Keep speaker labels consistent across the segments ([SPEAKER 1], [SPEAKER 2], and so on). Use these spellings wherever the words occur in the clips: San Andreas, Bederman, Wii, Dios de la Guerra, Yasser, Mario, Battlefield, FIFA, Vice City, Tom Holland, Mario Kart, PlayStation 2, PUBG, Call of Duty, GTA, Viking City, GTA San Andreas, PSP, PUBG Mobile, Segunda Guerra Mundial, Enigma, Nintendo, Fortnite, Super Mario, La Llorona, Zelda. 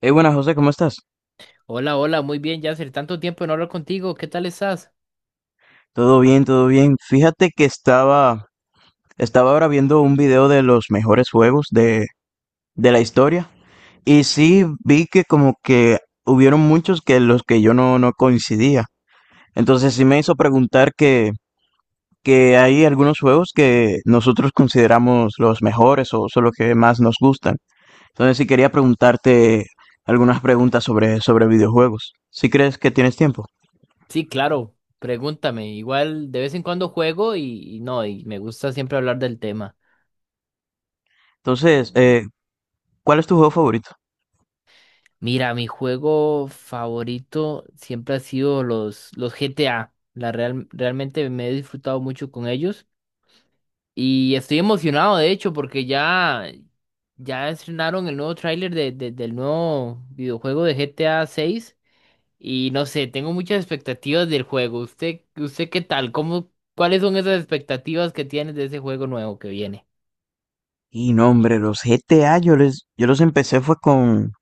[SPEAKER 1] Hey, buenas José, ¿cómo estás?
[SPEAKER 2] Hola, hola, muy bien, Yasser. Tanto tiempo de no hablar contigo. ¿Qué tal estás?
[SPEAKER 1] Todo bien, todo bien. Fíjate que estaba ahora viendo un video de los mejores juegos de la historia y sí vi que como que hubieron muchos que los que yo no, no coincidía. Entonces sí me hizo preguntar que hay algunos juegos que nosotros consideramos los mejores o son los que más nos gustan. Entonces sí quería preguntarte algunas preguntas sobre videojuegos. Si crees que tienes tiempo.
[SPEAKER 2] Sí, claro, pregúntame. Igual de vez en cuando juego y no, y me gusta siempre hablar del tema.
[SPEAKER 1] Entonces, ¿cuál es tu juego favorito?
[SPEAKER 2] Mira, mi juego favorito siempre ha sido los GTA. Realmente me he disfrutado mucho con ellos. Y estoy emocionado, de hecho, porque ya estrenaron el nuevo tráiler del nuevo videojuego de GTA 6. Y no sé, tengo muchas expectativas del juego. ¿Usted qué tal? Cuáles son esas expectativas que tienes de ese juego nuevo que viene?
[SPEAKER 1] Y no, hombre, los GTA yo los empecé fue con,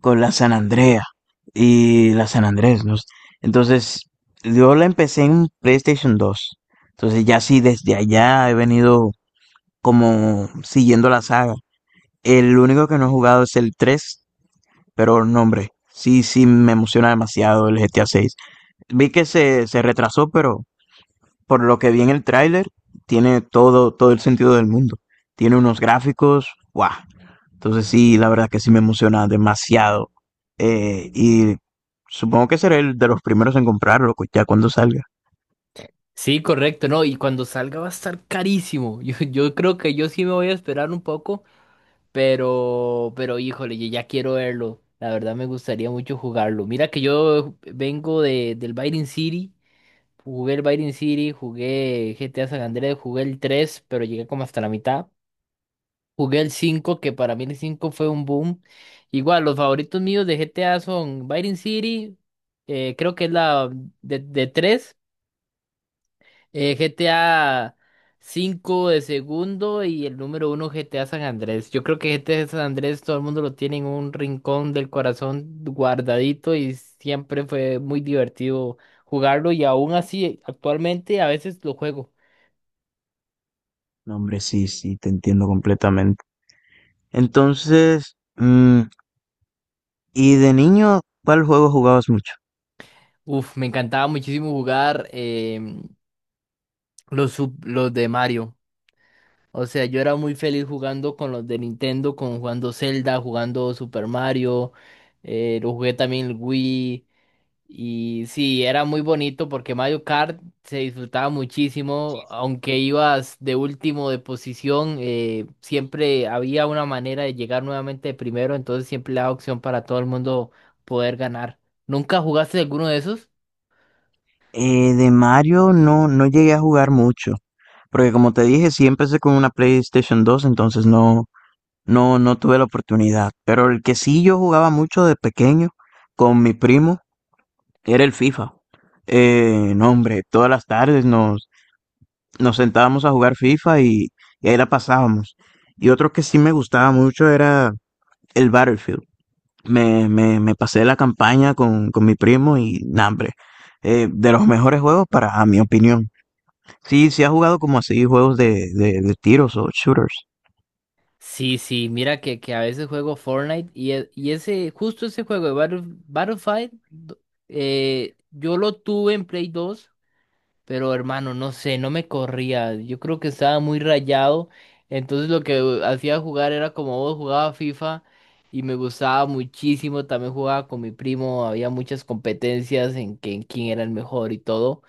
[SPEAKER 1] con la San Andrea y la San Andrés, ¿no? Entonces, yo la empecé en PlayStation 2. Entonces, ya sí, desde allá he venido como siguiendo la saga. El único que no he jugado es el tres, pero no, hombre, sí, sí me emociona demasiado el GTA 6. Vi que se retrasó, pero por lo que vi en el tráiler, tiene todo, todo el sentido del mundo. Tiene unos gráficos, ¡guau! Entonces sí, la verdad que sí me emociona demasiado. Y supongo que seré el de los primeros en comprarlo ya cuando salga.
[SPEAKER 2] Sí, correcto, no, y cuando salga va a estar carísimo. Yo creo que yo sí me voy a esperar un poco, pero híjole, yo ya quiero verlo. La verdad me gustaría mucho jugarlo. Mira que yo vengo del Viking City, jugué el Viking City, jugué GTA San Andreas, jugué el 3 pero llegué como hasta la mitad. Jugué el 5 que para mí el 5 fue un boom. Igual, los favoritos míos de GTA son Vice City, creo que es la de tres, GTA 5 de segundo y el número 1 GTA San Andrés. Yo creo que GTA San Andrés todo el mundo lo tiene en un rincón del corazón guardadito y siempre fue muy divertido jugarlo y aún así actualmente a veces lo juego.
[SPEAKER 1] No, hombre, sí, sí, te entiendo completamente. Entonces, ¿y de niño cuál juego jugabas mucho?
[SPEAKER 2] Uf, me encantaba muchísimo jugar los de Mario. O sea, yo era muy feliz jugando con los de Nintendo, con jugando Zelda, jugando Super Mario, lo jugué también el Wii. Y sí, era muy bonito porque Mario Kart se disfrutaba muchísimo, aunque ibas de último de posición, siempre había una manera de llegar nuevamente de primero, entonces siempre le daba opción para todo el mundo poder ganar. ¿Nunca jugaste alguno de esos?
[SPEAKER 1] De Mario no, no llegué a jugar mucho, porque como te dije, sí empecé con una PlayStation 2, entonces no, no, no tuve la oportunidad. Pero el que sí yo jugaba mucho de pequeño con mi primo era el FIFA. No, hombre, todas las tardes nos sentábamos a jugar FIFA y ahí la pasábamos. Y otro que sí me gustaba mucho era el Battlefield. Me pasé la campaña con mi primo y, nah, hombre, de los mejores juegos a mi opinión. Sí, sí ha jugado como así juegos de tiros o shooters.
[SPEAKER 2] Sí, sí, mira que a veces juego Fortnite y y ese, justo ese juego de Battlefield, yo lo tuve en Play 2 pero hermano, no sé, no me corría. Yo creo que estaba muy rayado. Entonces lo que hacía jugar era como vos jugaba FIFA y me gustaba muchísimo. También jugaba con mi primo, había muchas competencias en quién era el mejor y todo.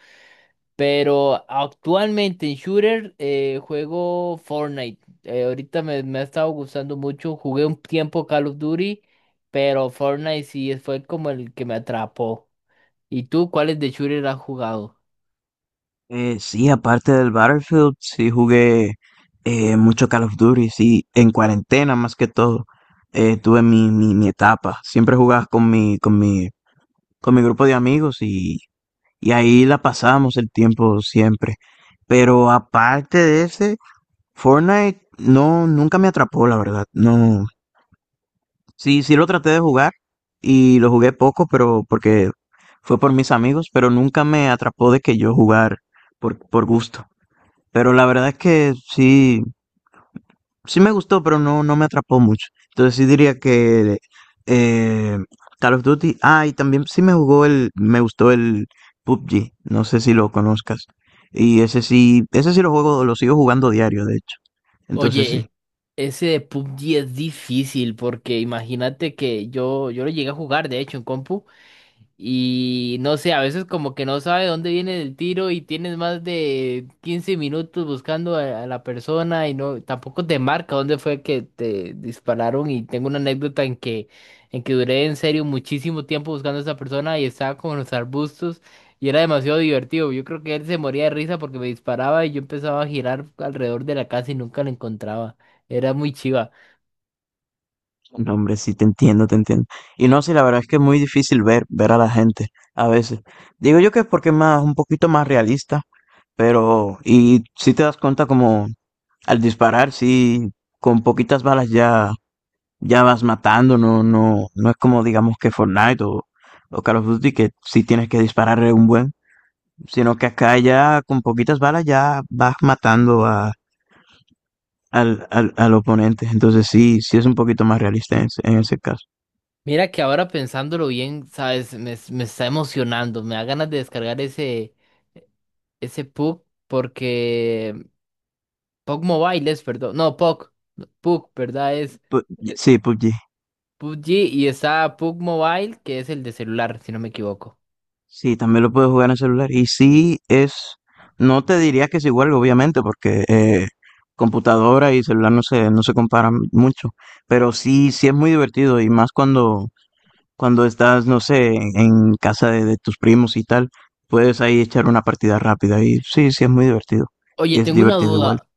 [SPEAKER 2] Pero actualmente en Shooter, juego Fortnite. Ahorita me ha estado gustando mucho. Jugué un tiempo Call of Duty, pero Fortnite sí fue como el que me atrapó. ¿Y tú cuáles de Shooter has jugado?
[SPEAKER 1] Sí, aparte del Battlefield, sí jugué mucho Call of Duty, sí, en cuarentena más que todo. Tuve mi, mi, mi etapa. Siempre jugaba con mi, con mi, con mi grupo de amigos y ahí la pasábamos el tiempo siempre. Pero aparte de ese, Fortnite no, nunca me atrapó, la verdad. No, sí, sí lo traté de jugar y lo jugué poco, pero porque fue por mis amigos, pero nunca me atrapó de que yo jugar por gusto. Pero la verdad es que sí, sí me gustó, pero no, no me atrapó mucho. Entonces sí diría que eh, Call of Duty. Ah, y también sí me gustó el PUBG. No sé si lo conozcas. Y ese sí lo juego, lo sigo jugando diario, de hecho. Entonces sí.
[SPEAKER 2] Oye, ese de PUBG es difícil porque imagínate que yo lo llegué a jugar, de hecho, en compu. Y no sé, a veces como que no sabe dónde viene el tiro y tienes más de 15 minutos buscando a la persona y no, tampoco te marca dónde fue que te dispararon. Y tengo una anécdota en que duré en serio muchísimo tiempo buscando a esa persona y estaba como en los arbustos y era demasiado divertido. Yo creo que él se moría de risa porque me disparaba y yo empezaba a girar alrededor de la casa y nunca la encontraba. Era muy chiva.
[SPEAKER 1] No, hombre, sí te entiendo, te entiendo. Y no, sí, la verdad es que es muy difícil ver a la gente a veces. Digo yo que es porque es un poquito más realista, y si te das cuenta como al disparar, sí, con poquitas balas ya, ya vas matando, no, no, no es como digamos que Fortnite o Call of Duty que sí tienes que disparar un buen, sino que acá ya con poquitas balas ya vas matando al oponente, entonces sí, sí es un poquito más realista en ese caso.
[SPEAKER 2] Mira que ahora pensándolo bien, sabes, me está emocionando, me da ganas de descargar ese PUC porque PUC Mobile es, perdón, no, PUC, ¿verdad? Es
[SPEAKER 1] Pu-
[SPEAKER 2] eh,
[SPEAKER 1] sí, PUBG.
[SPEAKER 2] PUBG y está PUC Mobile que es el de celular, si no me equivoco.
[SPEAKER 1] Sí, también lo puedes jugar en el celular. Y no te diría que es igual, obviamente, porque computadora y celular no se, no se comparan mucho, pero sí, sí es muy divertido y más cuando estás, no sé, en casa de tus primos y tal, puedes ahí echar una partida rápida y sí, sí es muy divertido.
[SPEAKER 2] Oye,
[SPEAKER 1] Es
[SPEAKER 2] tengo una
[SPEAKER 1] divertido igual.
[SPEAKER 2] duda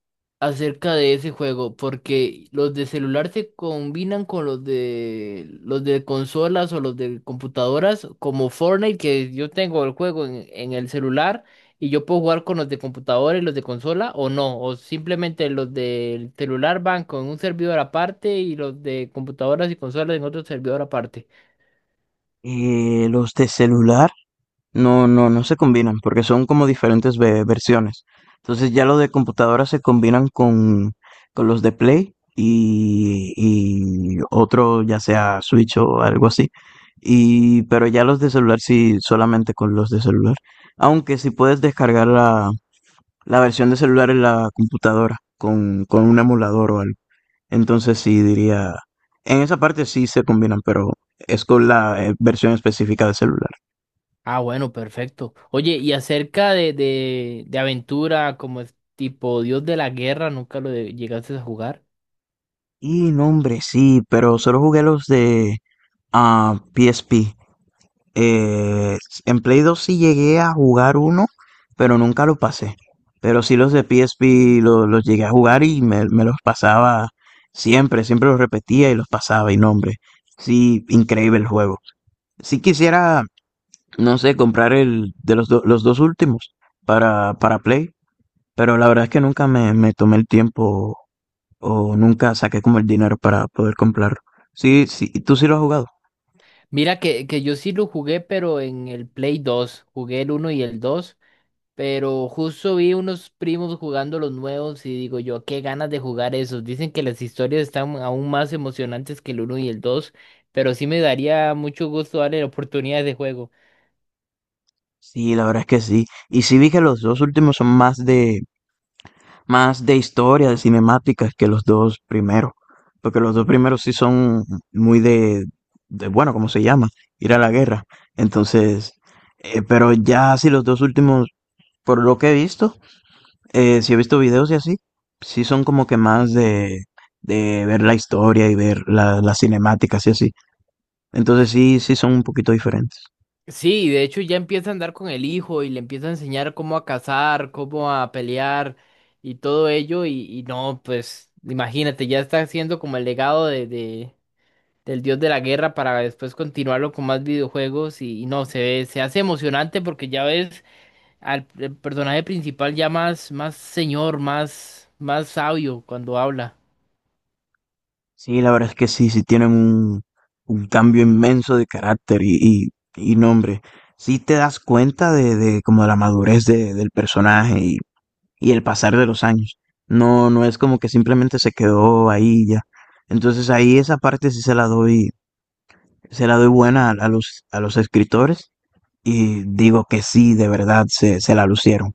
[SPEAKER 2] acerca de ese juego, porque los de celular se combinan con los de consolas o los de computadoras, como Fortnite, que yo tengo el juego en el celular y yo puedo jugar con los de computadora y los de consola, o no, o simplemente los del celular van con un servidor aparte y los de computadoras y consolas en otro servidor aparte.
[SPEAKER 1] Los de celular. No, no, no se combinan porque son como diferentes versiones. Entonces ya los de computadora se combinan con los de Play y otro, ya sea Switch o algo así. Pero ya los de celular sí, solamente con los de celular. Aunque sí puedes descargar la versión de celular en la computadora con un emulador o algo. Entonces sí diría, en esa parte sí se combinan, pero es con la versión específica de celular.
[SPEAKER 2] Ah, bueno, perfecto. Oye, y acerca de aventura, como es tipo Dios de la Guerra, nunca llegaste a jugar.
[SPEAKER 1] Y no, hombre, sí, pero solo jugué los de PSP. Eh, en Play 2 sí llegué a jugar uno, pero nunca lo pasé. Pero sí los de PSP los llegué a jugar y me los pasaba siempre, siempre los repetía y los pasaba. Y no, hombre, sí, increíble el juego. Sí quisiera, no sé, comprar el de los dos últimos para Play, pero la verdad es que nunca me tomé el tiempo o nunca saqué como el dinero para poder comprarlo. Sí, sí, ¿tú sí lo has jugado?
[SPEAKER 2] Mira que yo sí lo jugué, pero en el Play 2. Jugué el uno y el 2, pero justo vi unos primos jugando los nuevos y digo yo, qué ganas de jugar esos. Dicen que las historias están aún más emocionantes que el uno y el 2, pero sí me daría mucho gusto darle la oportunidad de juego.
[SPEAKER 1] Sí, la verdad es que sí. Y sí vi que los dos últimos son más de historia, de cinemáticas que los dos primeros. Porque los dos primeros sí son muy de bueno, ¿cómo se llama? Ir a la guerra. Entonces, pero ya sí los dos últimos, por lo que he visto, si he visto videos y así, sí son como que más de ver la historia y ver las cinemáticas y así. Entonces sí, sí son un poquito diferentes.
[SPEAKER 2] Sí, de hecho ya empieza a andar con el hijo y le empieza a enseñar cómo a cazar, cómo a pelear y todo ello. Y no, pues imagínate, ya está haciendo como el legado del dios de la guerra para después continuarlo con más videojuegos. Y no, se ve, se hace emocionante porque ya ves al el personaje principal ya más, más señor, más sabio cuando habla.
[SPEAKER 1] Sí, la verdad es que sí, sí tienen un cambio inmenso de carácter y, y nombre. Sí te das cuenta de como de la madurez del personaje y el pasar de los años. No, no es como que simplemente se quedó ahí y ya. Entonces ahí esa parte sí se la doy buena a los escritores y digo que sí, de verdad se, se la lucieron.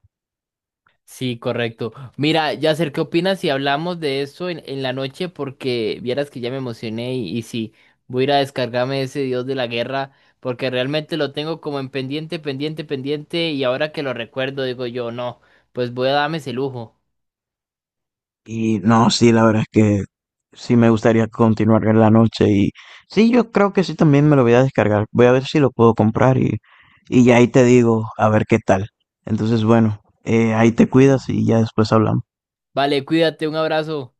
[SPEAKER 2] Sí, correcto. Mira, Yasser, ¿qué opinas si hablamos de eso en la noche? Porque vieras que ya me emocioné y sí, voy a ir a descargarme ese Dios de la Guerra, porque realmente lo tengo como en pendiente, pendiente, pendiente, y ahora que lo recuerdo digo yo, no, pues voy a darme ese lujo.
[SPEAKER 1] Y no, sí, la verdad es que sí me gustaría continuar en la noche y sí, yo creo que sí también me lo voy a descargar. Voy a ver si lo puedo comprar y ya ahí te digo a ver qué tal. Entonces, bueno, ahí te cuidas y ya después hablamos.
[SPEAKER 2] Vale, cuídate, un abrazo.